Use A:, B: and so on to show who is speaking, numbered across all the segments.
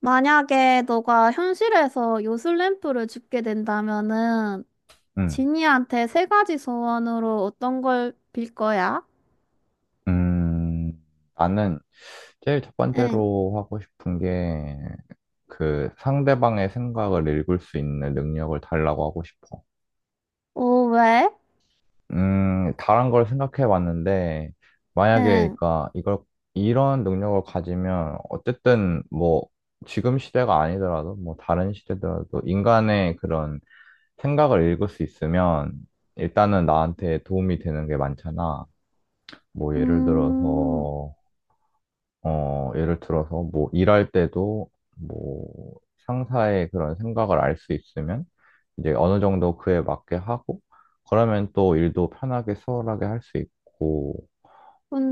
A: 만약에 너가 현실에서 요술램프를 줍게 된다면은
B: 음,
A: 지니한테 세 가지 소원으로 어떤 걸 빌 거야?
B: 음, 나는 제일 첫
A: 응.
B: 번째로 하고 싶은 게 그 상대방의 생각을 읽을 수 있는 능력을 달라고 하고 싶어.
A: 오, 왜?
B: 다른 걸 생각해 봤는데 만약에
A: 응.
B: 그러니까 이걸 이런 능력을 가지면 어쨌든 뭐 지금 시대가 아니더라도 뭐 다른 시대더라도 인간의 그런 생각을 읽을 수 있으면 일단은 나한테 도움이 되는 게 많잖아. 뭐 예를
A: 음.
B: 들어서 예를 들어서 뭐 일할 때도 뭐 상사의 그런 생각을 알 수 있으면 이제 어느 정도 그에 맞게 하고 그러면 또 일도 편하게 수월하게 할 수 있고.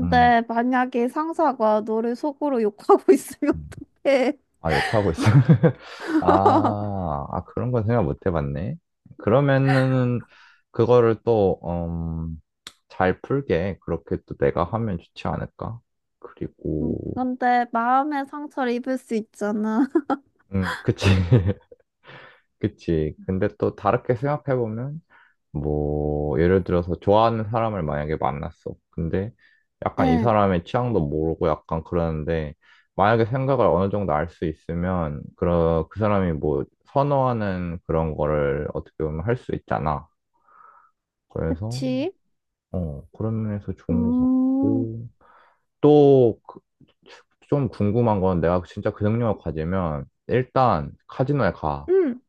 B: 음,
A: 만약에 상사가 너를 속으로 욕하고 있으면
B: 음.
A: 어떡해?
B: 아 욕하고 있어 아, 아 그런 건 생각 못 해봤네. 그러면은 그거를 또 잘 풀게 그렇게 또 내가 하면 좋지 않을까. 그리고
A: 근데 마음의 상처를 입을 수 있잖아.
B: 그치. 그치. 근데 또 다르게 생각해보면, 뭐, 예를 들어서 좋아하는 사람을 만약에 만났어. 근데 약간 이
A: 응.
B: 사람의 취향도 모르고 약간 그러는데, 만약에 생각을 어느 정도 알 수 있으면, 그, 그 사람이 뭐, 선호하는 그런 거를 어떻게 보면 할 수 있잖아. 그래서,
A: 그치?
B: 그런 면에서 좋은 것
A: 음.
B: 같고, 또, 좀 궁금한 건 내가 진짜 그 능력을 가지면, 일단 카지노에 가.
A: 응.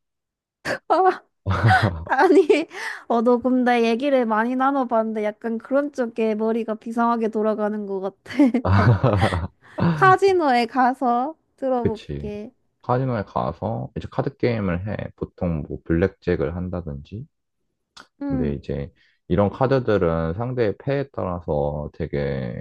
A: 아니, 어, 너 근데 얘기를 많이 나눠봤는데 약간 그런 쪽에 머리가 비상하게 돌아가는 것 같아. 어, 카지노에 가서
B: 그치.
A: 들어볼게.
B: 카지노에 가서 이제 카드 게임을 해. 보통 뭐 블랙잭을 한다든지. 근데
A: 응,
B: 이제 이런 카드들은 상대의 패에 따라서 되게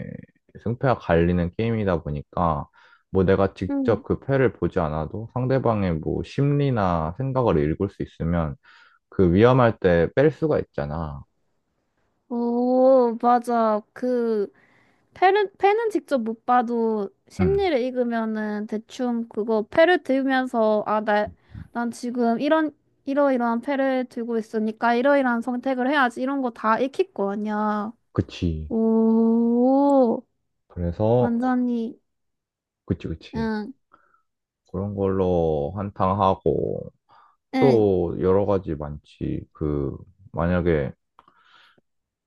B: 승패가 갈리는 게임이다 보니까 뭐 내가 직접
A: 응.
B: 그 패를 보지 않아도 상대방의 뭐 심리나 생각을 읽을 수 있으면 그 위험할 때 뺄 수가 있잖아.
A: 오, 맞아. 그, 패는 직접 못 봐도
B: 응.
A: 심리를 읽으면은 대충 그거 패를 들면서, 아, 나, 난 지금 이런, 이러이러한 패를 들고 있으니까 이러이러한 선택을 해야지. 이런 거 다 익힐 거 아니야.
B: 그치.
A: 오,
B: 그래서,
A: 완전히.
B: 그치, 그치.
A: 응,
B: 그런 걸로 한탕하고,
A: 응.
B: 또 여러 가지 많지. 그, 만약에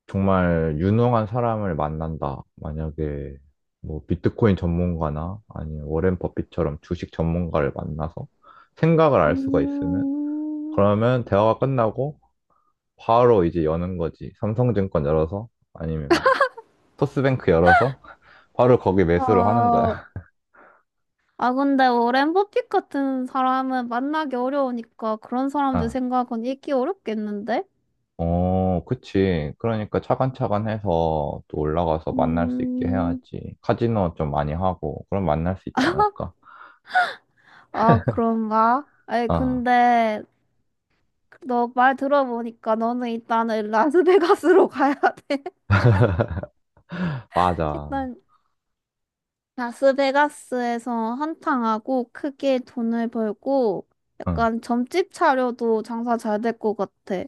B: 정말 유능한 사람을 만난다. 만약에 뭐 비트코인 전문가나 아니면 워렌 버핏처럼 주식 전문가를 만나서 생각을 알 수가 있으면
A: 음,
B: 그러면 대화가 끝나고 바로 이제 여는 거지. 삼성증권 열어서 아니면 토스뱅크 열어서 바로 거기 매수를 하는
A: 아,
B: 거야.
A: 아, 근데 오랜 버핏 같은 사람은 만나기 어려우니까 그런 사람들 생각은 읽기 어렵겠는데?
B: 어, 그치. 그러니까 차근차근 해서 또 올라가서 만날 수 있게
A: 음,
B: 해야지. 카지노 좀 많이 하고, 그럼 만날 수 있지 않을까?
A: 아, 그런가? 아니,
B: 아,
A: 근데 너 말 들어보니까 너는 일단은 라스베가스로 가야 돼.
B: 맞아.
A: 일단 라스베가스에서 한탕하고 크게 돈을 벌고
B: 응.
A: 약간 점집 차려도 장사 잘 될 것 같아.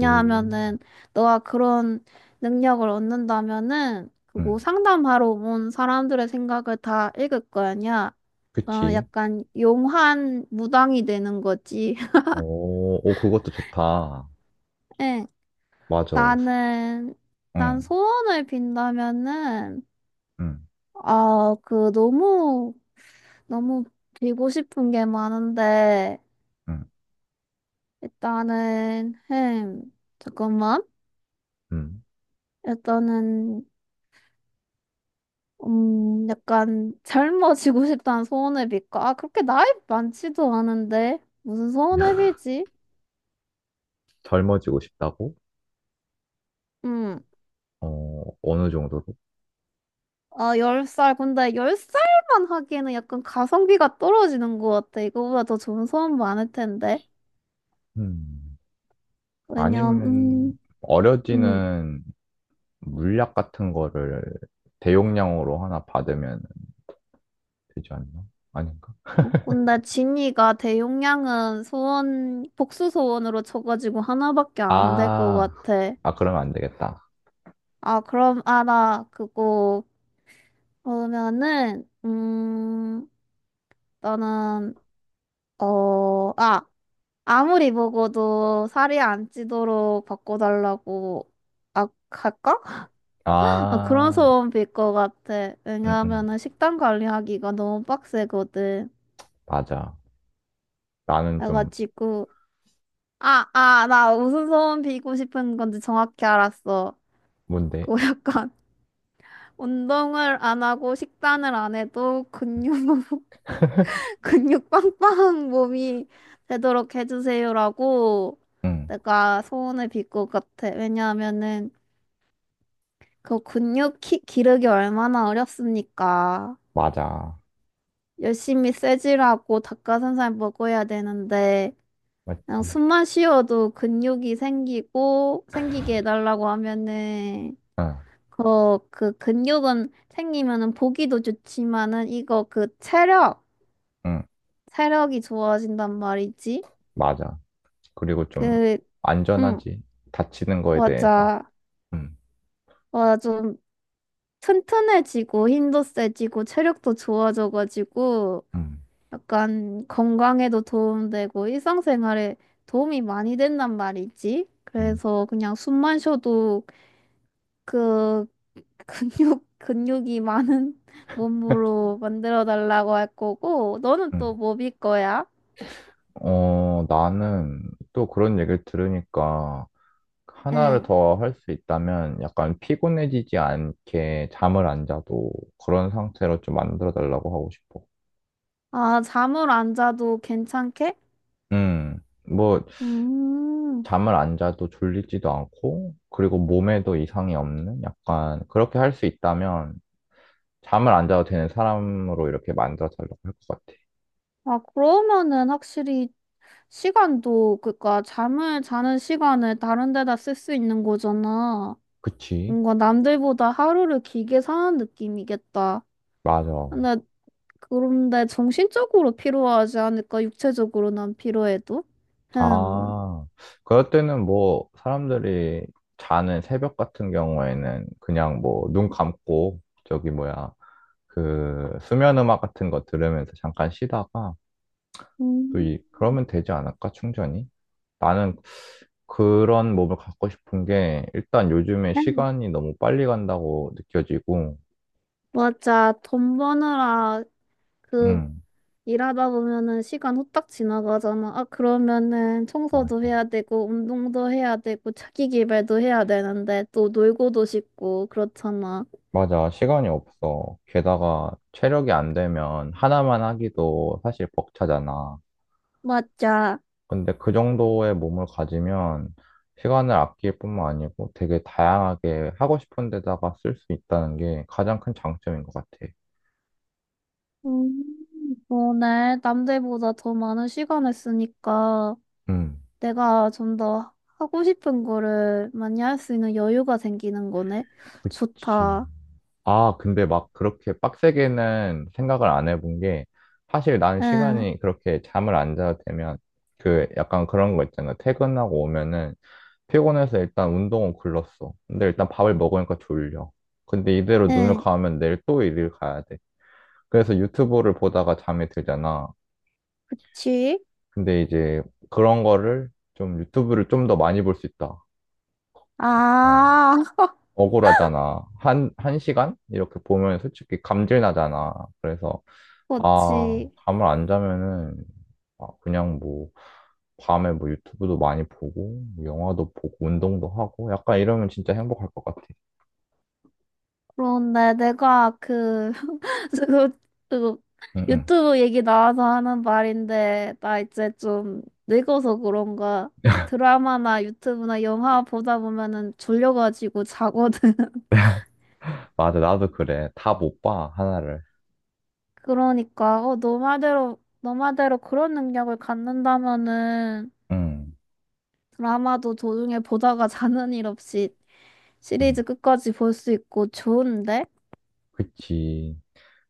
B: 오.
A: 너가 그런 능력을 얻는다면은
B: 응.
A: 그거 상담하러 온 사람들의 생각을 다 읽을 거 아니야. 어,
B: 그치.
A: 약간 용한 무당이 되는 거지.
B: 오, 오, 그것도 좋다.
A: 응,
B: 맞아.
A: 나는 난
B: 응,
A: 소원을 빈다면은
B: 응,
A: 아, 그 너무 빌고 싶은 게 많은데
B: 응,
A: 일단은, 잠깐만.
B: 응.
A: 일단은, 약간 젊어지고 싶다는 소원회비일까? 아, 그렇게 나이 많지도 않은데. 무슨 소원회비지?
B: 젊어지고 싶다고?
A: 음,
B: 어, 어느 정도로?
A: 아, 10살 근데 10살만 하기에는 약간 가성비가 떨어지는 것 같아. 이거보다 더 좋은 소원 많을 텐데.
B: 음.
A: 왜냐면,
B: 아니면,
A: 음.
B: 어려지는 물약 같은 거를 대용량으로 하나 받으면 되지 않나? 아닌가?
A: 어, 근데 진이가 대용량은 소원, 복수 소원으로 쳐가지고 하나밖에 안 될 것
B: 아,
A: 같아.
B: 아, 그러면 안 되겠다.
A: 아, 그럼, 아, 나 그거, 그러면은, 나는, 어, 아, 아무리 먹어도 살이 안 찌도록 바꿔달라고, 아, 할까? 아, 그런
B: 아,
A: 소원 빌 것 같아.
B: 음, 음,
A: 왜냐하면은 식단 관리하기가 너무 빡세거든.
B: 맞아. 나는 좀,
A: 그래가지고, 아, 아, 나 무슨 소원 빌고 싶은 건지 정확히 알았어.
B: 뭔데?
A: 그거 약간, 운동을 안 하고 식단을 안 해도 근육만 근육 빵빵 몸이 되도록 해주세요라고
B: 응,
A: 내가 소원을 빌 것 같아. 왜냐하면은 그 근육 키, 기르기 얼마나 어렵습니까?
B: 맞아.
A: 열심히 쇠질하고 닭가슴살 먹어야 되는데 그냥
B: 맞지?
A: 숨만 쉬어도 근육이 생기고 생기게 해달라고 하면은
B: 응,
A: 그, 그 근육은 생기면은 보기도 좋지만은 이거 그 체력
B: 응,
A: 체력이 좋아진단 말이지.
B: 맞아. 그리고 좀,
A: 그 음,
B: 안전하지. 다치는 거에 대해서.
A: 맞아.
B: 응,
A: 와, 좀 튼튼해지고 힘도 세지고 체력도 좋아져가지고
B: 응,
A: 약간 건강에도 도움되고 일상생활에 도움이 많이 된단 말이지.
B: 응,
A: 그래서 그냥 숨만 쉬어도 그 근육, 근육이 많은 몸으로 만들어 달라고 할 거고, 너는
B: 응.
A: 또 뭐 빌 거야?
B: 어, 나는 또 그런 얘기를 들으니까, 하나를
A: 응.
B: 더 할 수 있다면, 약간 피곤해지지 않게 잠을 안 자도 그런 상태로 좀 만들어 달라고 하고 싶어.
A: 아, 잠을 안 자도 괜찮게?
B: 응. 뭐,
A: 음.
B: 잠을 안 자도 졸리지도 않고, 그리고 몸에도 이상이 없는 약간 그렇게 할 수 있다면 잠을 안 자도 되는 사람으로 이렇게 만들어달라고 할 것 같아.
A: 아, 그러면은 확실히 시간도, 그니까 잠을 자는 시간을 다른 데다 쓸 수 있는 거잖아.
B: 그치?
A: 뭔가 남들보다 하루를 길게 사는 느낌이겠다.
B: 맞아.
A: 근데, 그런데 정신적으로 필요하지 않을까? 육체적으로 난 필요해도? 흠.
B: 아, 그럴 때는 뭐 사람들이 자는 새벽 같은 경우에는 그냥 뭐 눈 감고 저기 뭐야 그 수면 음악 같은 거 들으면서 잠깐 쉬다가 또
A: 음,
B: 그러면 되지 않을까? 충전이? 나는 그런 몸을 갖고 싶은 게 일단 요즘에
A: 음.
B: 시간이 너무 빨리 간다고 느껴지고,
A: 맞아. 돈 버느라 그
B: 음,
A: 일하다 보면은 시간 후딱 지나가잖아. 아, 그러면은 청소도 해야
B: 맞아.
A: 되고, 운동도 해야 되고, 자기 개발도 해야 되는데, 또 놀고도 싶고, 그렇잖아.
B: 맞아. 시간이 없어. 게다가 체력이 안 되면 하나만 하기도 사실 벅차잖아.
A: 맞아.
B: 근데 그 정도의 몸을 가지면 시간을 아낄 뿐만 아니고 되게 다양하게 하고 싶은 데다가 쓸 수 있다는 게 가장 큰 장점인 것 같아.
A: 음, 오늘 남들보다 더 많은 시간을 쓰니까
B: 음,
A: 내가 좀 더 하고 싶은 거를 많이 할 수 있는 여유가 생기는 거네.
B: 그치.
A: 좋다.
B: 아, 근데 막 그렇게 빡세게는 생각을 안 해본 게, 사실 나는
A: 응,
B: 시간이 그렇게 잠을 안 자도 되면, 그 약간 그런 거 있잖아. 퇴근하고 오면은 피곤해서 일단 운동은 굴렀어. 근데 일단 밥을 먹으니까 졸려. 근데 이대로 눈을
A: 응.
B: 감으면 내일 또 일을 가야 돼. 그래서 유튜브를 보다가 잠이 들잖아.
A: 지?
B: 근데 이제 그런 거를 좀 유튜브를 좀 더 많이 볼 수 있다. 어.
A: 아,
B: 억울하잖아. 한, 1시간? 이렇게 보면 솔직히 감질 나잖아. 그래서 아,
A: 그렇지.
B: 잠을 안 자면은, 아, 그냥 뭐, 밤에 뭐 유튜브도 많이 보고, 뭐 영화도 보고, 운동도 하고, 약간 이러면 진짜 행복할 것 같아.
A: 그런데 내가 그, 그거, 그거
B: 응, 응.
A: 유튜브 얘기 나와서 하는 말인데, 나 이제 좀 늙어서 그런가 드라마나 유튜브나 영화 보다 보면은 졸려가지고 자거든.
B: 맞아, 나도 그래. 다 못 봐, 하나를.
A: 그러니까, 어, 너 말대로 그런 능력을 갖는다면은
B: 응,
A: 드라마도 도중에 보다가 자는 일 없이
B: 응.
A: 시리즈 끝까지 볼 수 있고 좋은데?
B: 그치.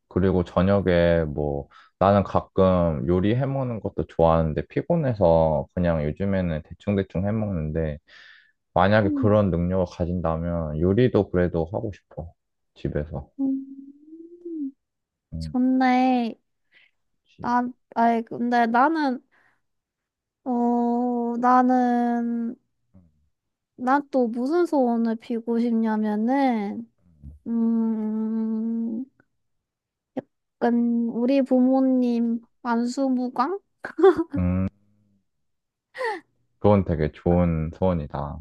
B: 그리고 저녁에 뭐, 나는 가끔 요리 해먹는 것도 좋아하는데, 피곤해서 그냥 요즘에는 대충대충 해먹는데, 만약에
A: 음,
B: 그런 능력을 가진다면, 요리도 그래도 하고 싶어. 집에서.
A: 음.
B: 응,
A: 좋네.
B: 그치.
A: 나, 아이, 근데 나는, 어, 나는,
B: 응.
A: 난 또 무슨 소원을 빌고 싶냐면은,
B: 응.
A: 음, 약간, 우리 부모님 만수무강?
B: 음, 그건 되게 좋은 소원이다.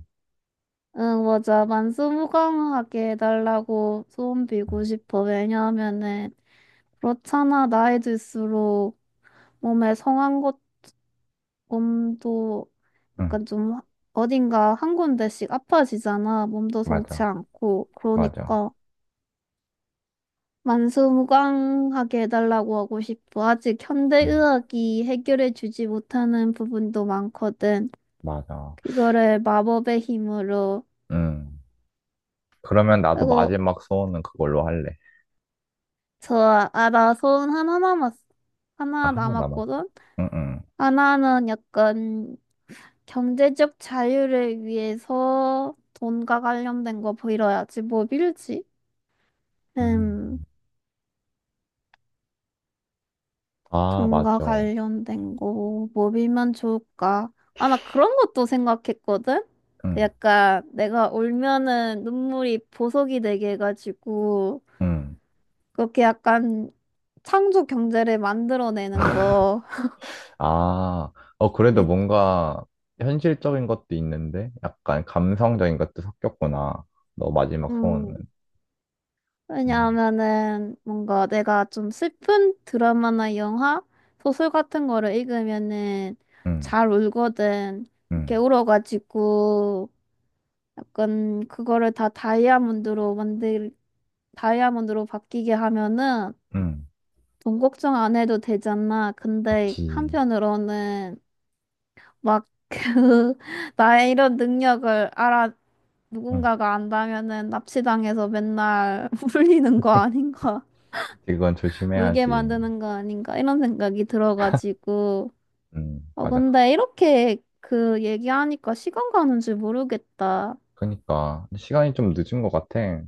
A: 응, 맞아. 만수무강하게 해달라고 소원
B: 응,
A: 빌고 싶어. 왜냐하면은, 그렇잖아. 나이 들수록 몸에 성한 것, 몸도
B: 응,
A: 약간 좀 어딘가 한 군데씩 아파지잖아. 몸도 성치
B: 맞아,
A: 않고.
B: 맞아,
A: 그러니까. 만수무강하게 해달라고 하고 싶어. 아직
B: 응,
A: 현대의학이 해결해주지 못하는 부분도 많거든.
B: 맞아.
A: 그거를 마법의 힘으로.
B: 응, 그러면 나도
A: 그리고
B: 마지막 소원은 그걸로 할래.
A: 저 알아, 소원 하나 남았어.
B: 아,
A: 하나
B: 하나 남았어.
A: 남았거든.
B: 응, 응,
A: 하나는 약간 경제적 자유를 위해서 돈과 관련된 거 빌어야지. 뭐 빌지?
B: 응.
A: 음.
B: 아,
A: 돈과
B: 맞죠.
A: 관련된 거, 뭐 빌면 좋을까? 아마 그런 것도 생각했거든? 그
B: 응,
A: 약간 내가 울면은 눈물이 보석이 되게 해가지고,
B: 응.
A: 그렇게 약간 창조 경제를 만들어내는 거.
B: 아, 어, 그래도
A: 이-
B: 뭔가 현실적인 것도 있는데, 약간 감성적인 것도 섞였구나. 너 마지막 소원은.
A: 음,
B: 응,
A: 왜냐하면은 뭔가 내가 좀 슬픈 드라마나 영화, 소설 같은 거를 읽으면은
B: 응,
A: 잘 울거든. 이렇게
B: 응,
A: 울어가지고. 약간 그거를 다 다이아몬드로 만들 다이아몬드로 바뀌게 하면은
B: 응.
A: 돈 걱정 안 해도 되잖아. 근데
B: 그치.
A: 한편으로는 막 그 나의 이런 능력을 알아
B: 응,
A: 누군가가 안다면은 납치당해서 맨날 울리는 거 아닌가?
B: 그치, 그건
A: 울게
B: 조심해야지.
A: 만드는 거 아닌가? 이런 생각이 들어가지고.
B: 응,
A: 어,
B: 맞아.
A: 근데 이렇게 그 얘기하니까 시간 가는 줄 모르겠다.
B: 그니까 시간이 좀 늦은 것 같아.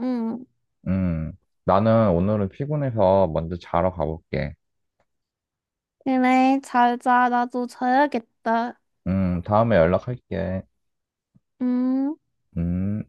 A: 응.
B: 음, 나는 오늘은 피곤해서 먼저 자러 가볼게.
A: 그래, 잘 자. 나도 자야겠다.
B: 다음에 연락할게.
A: 음,
B: 음.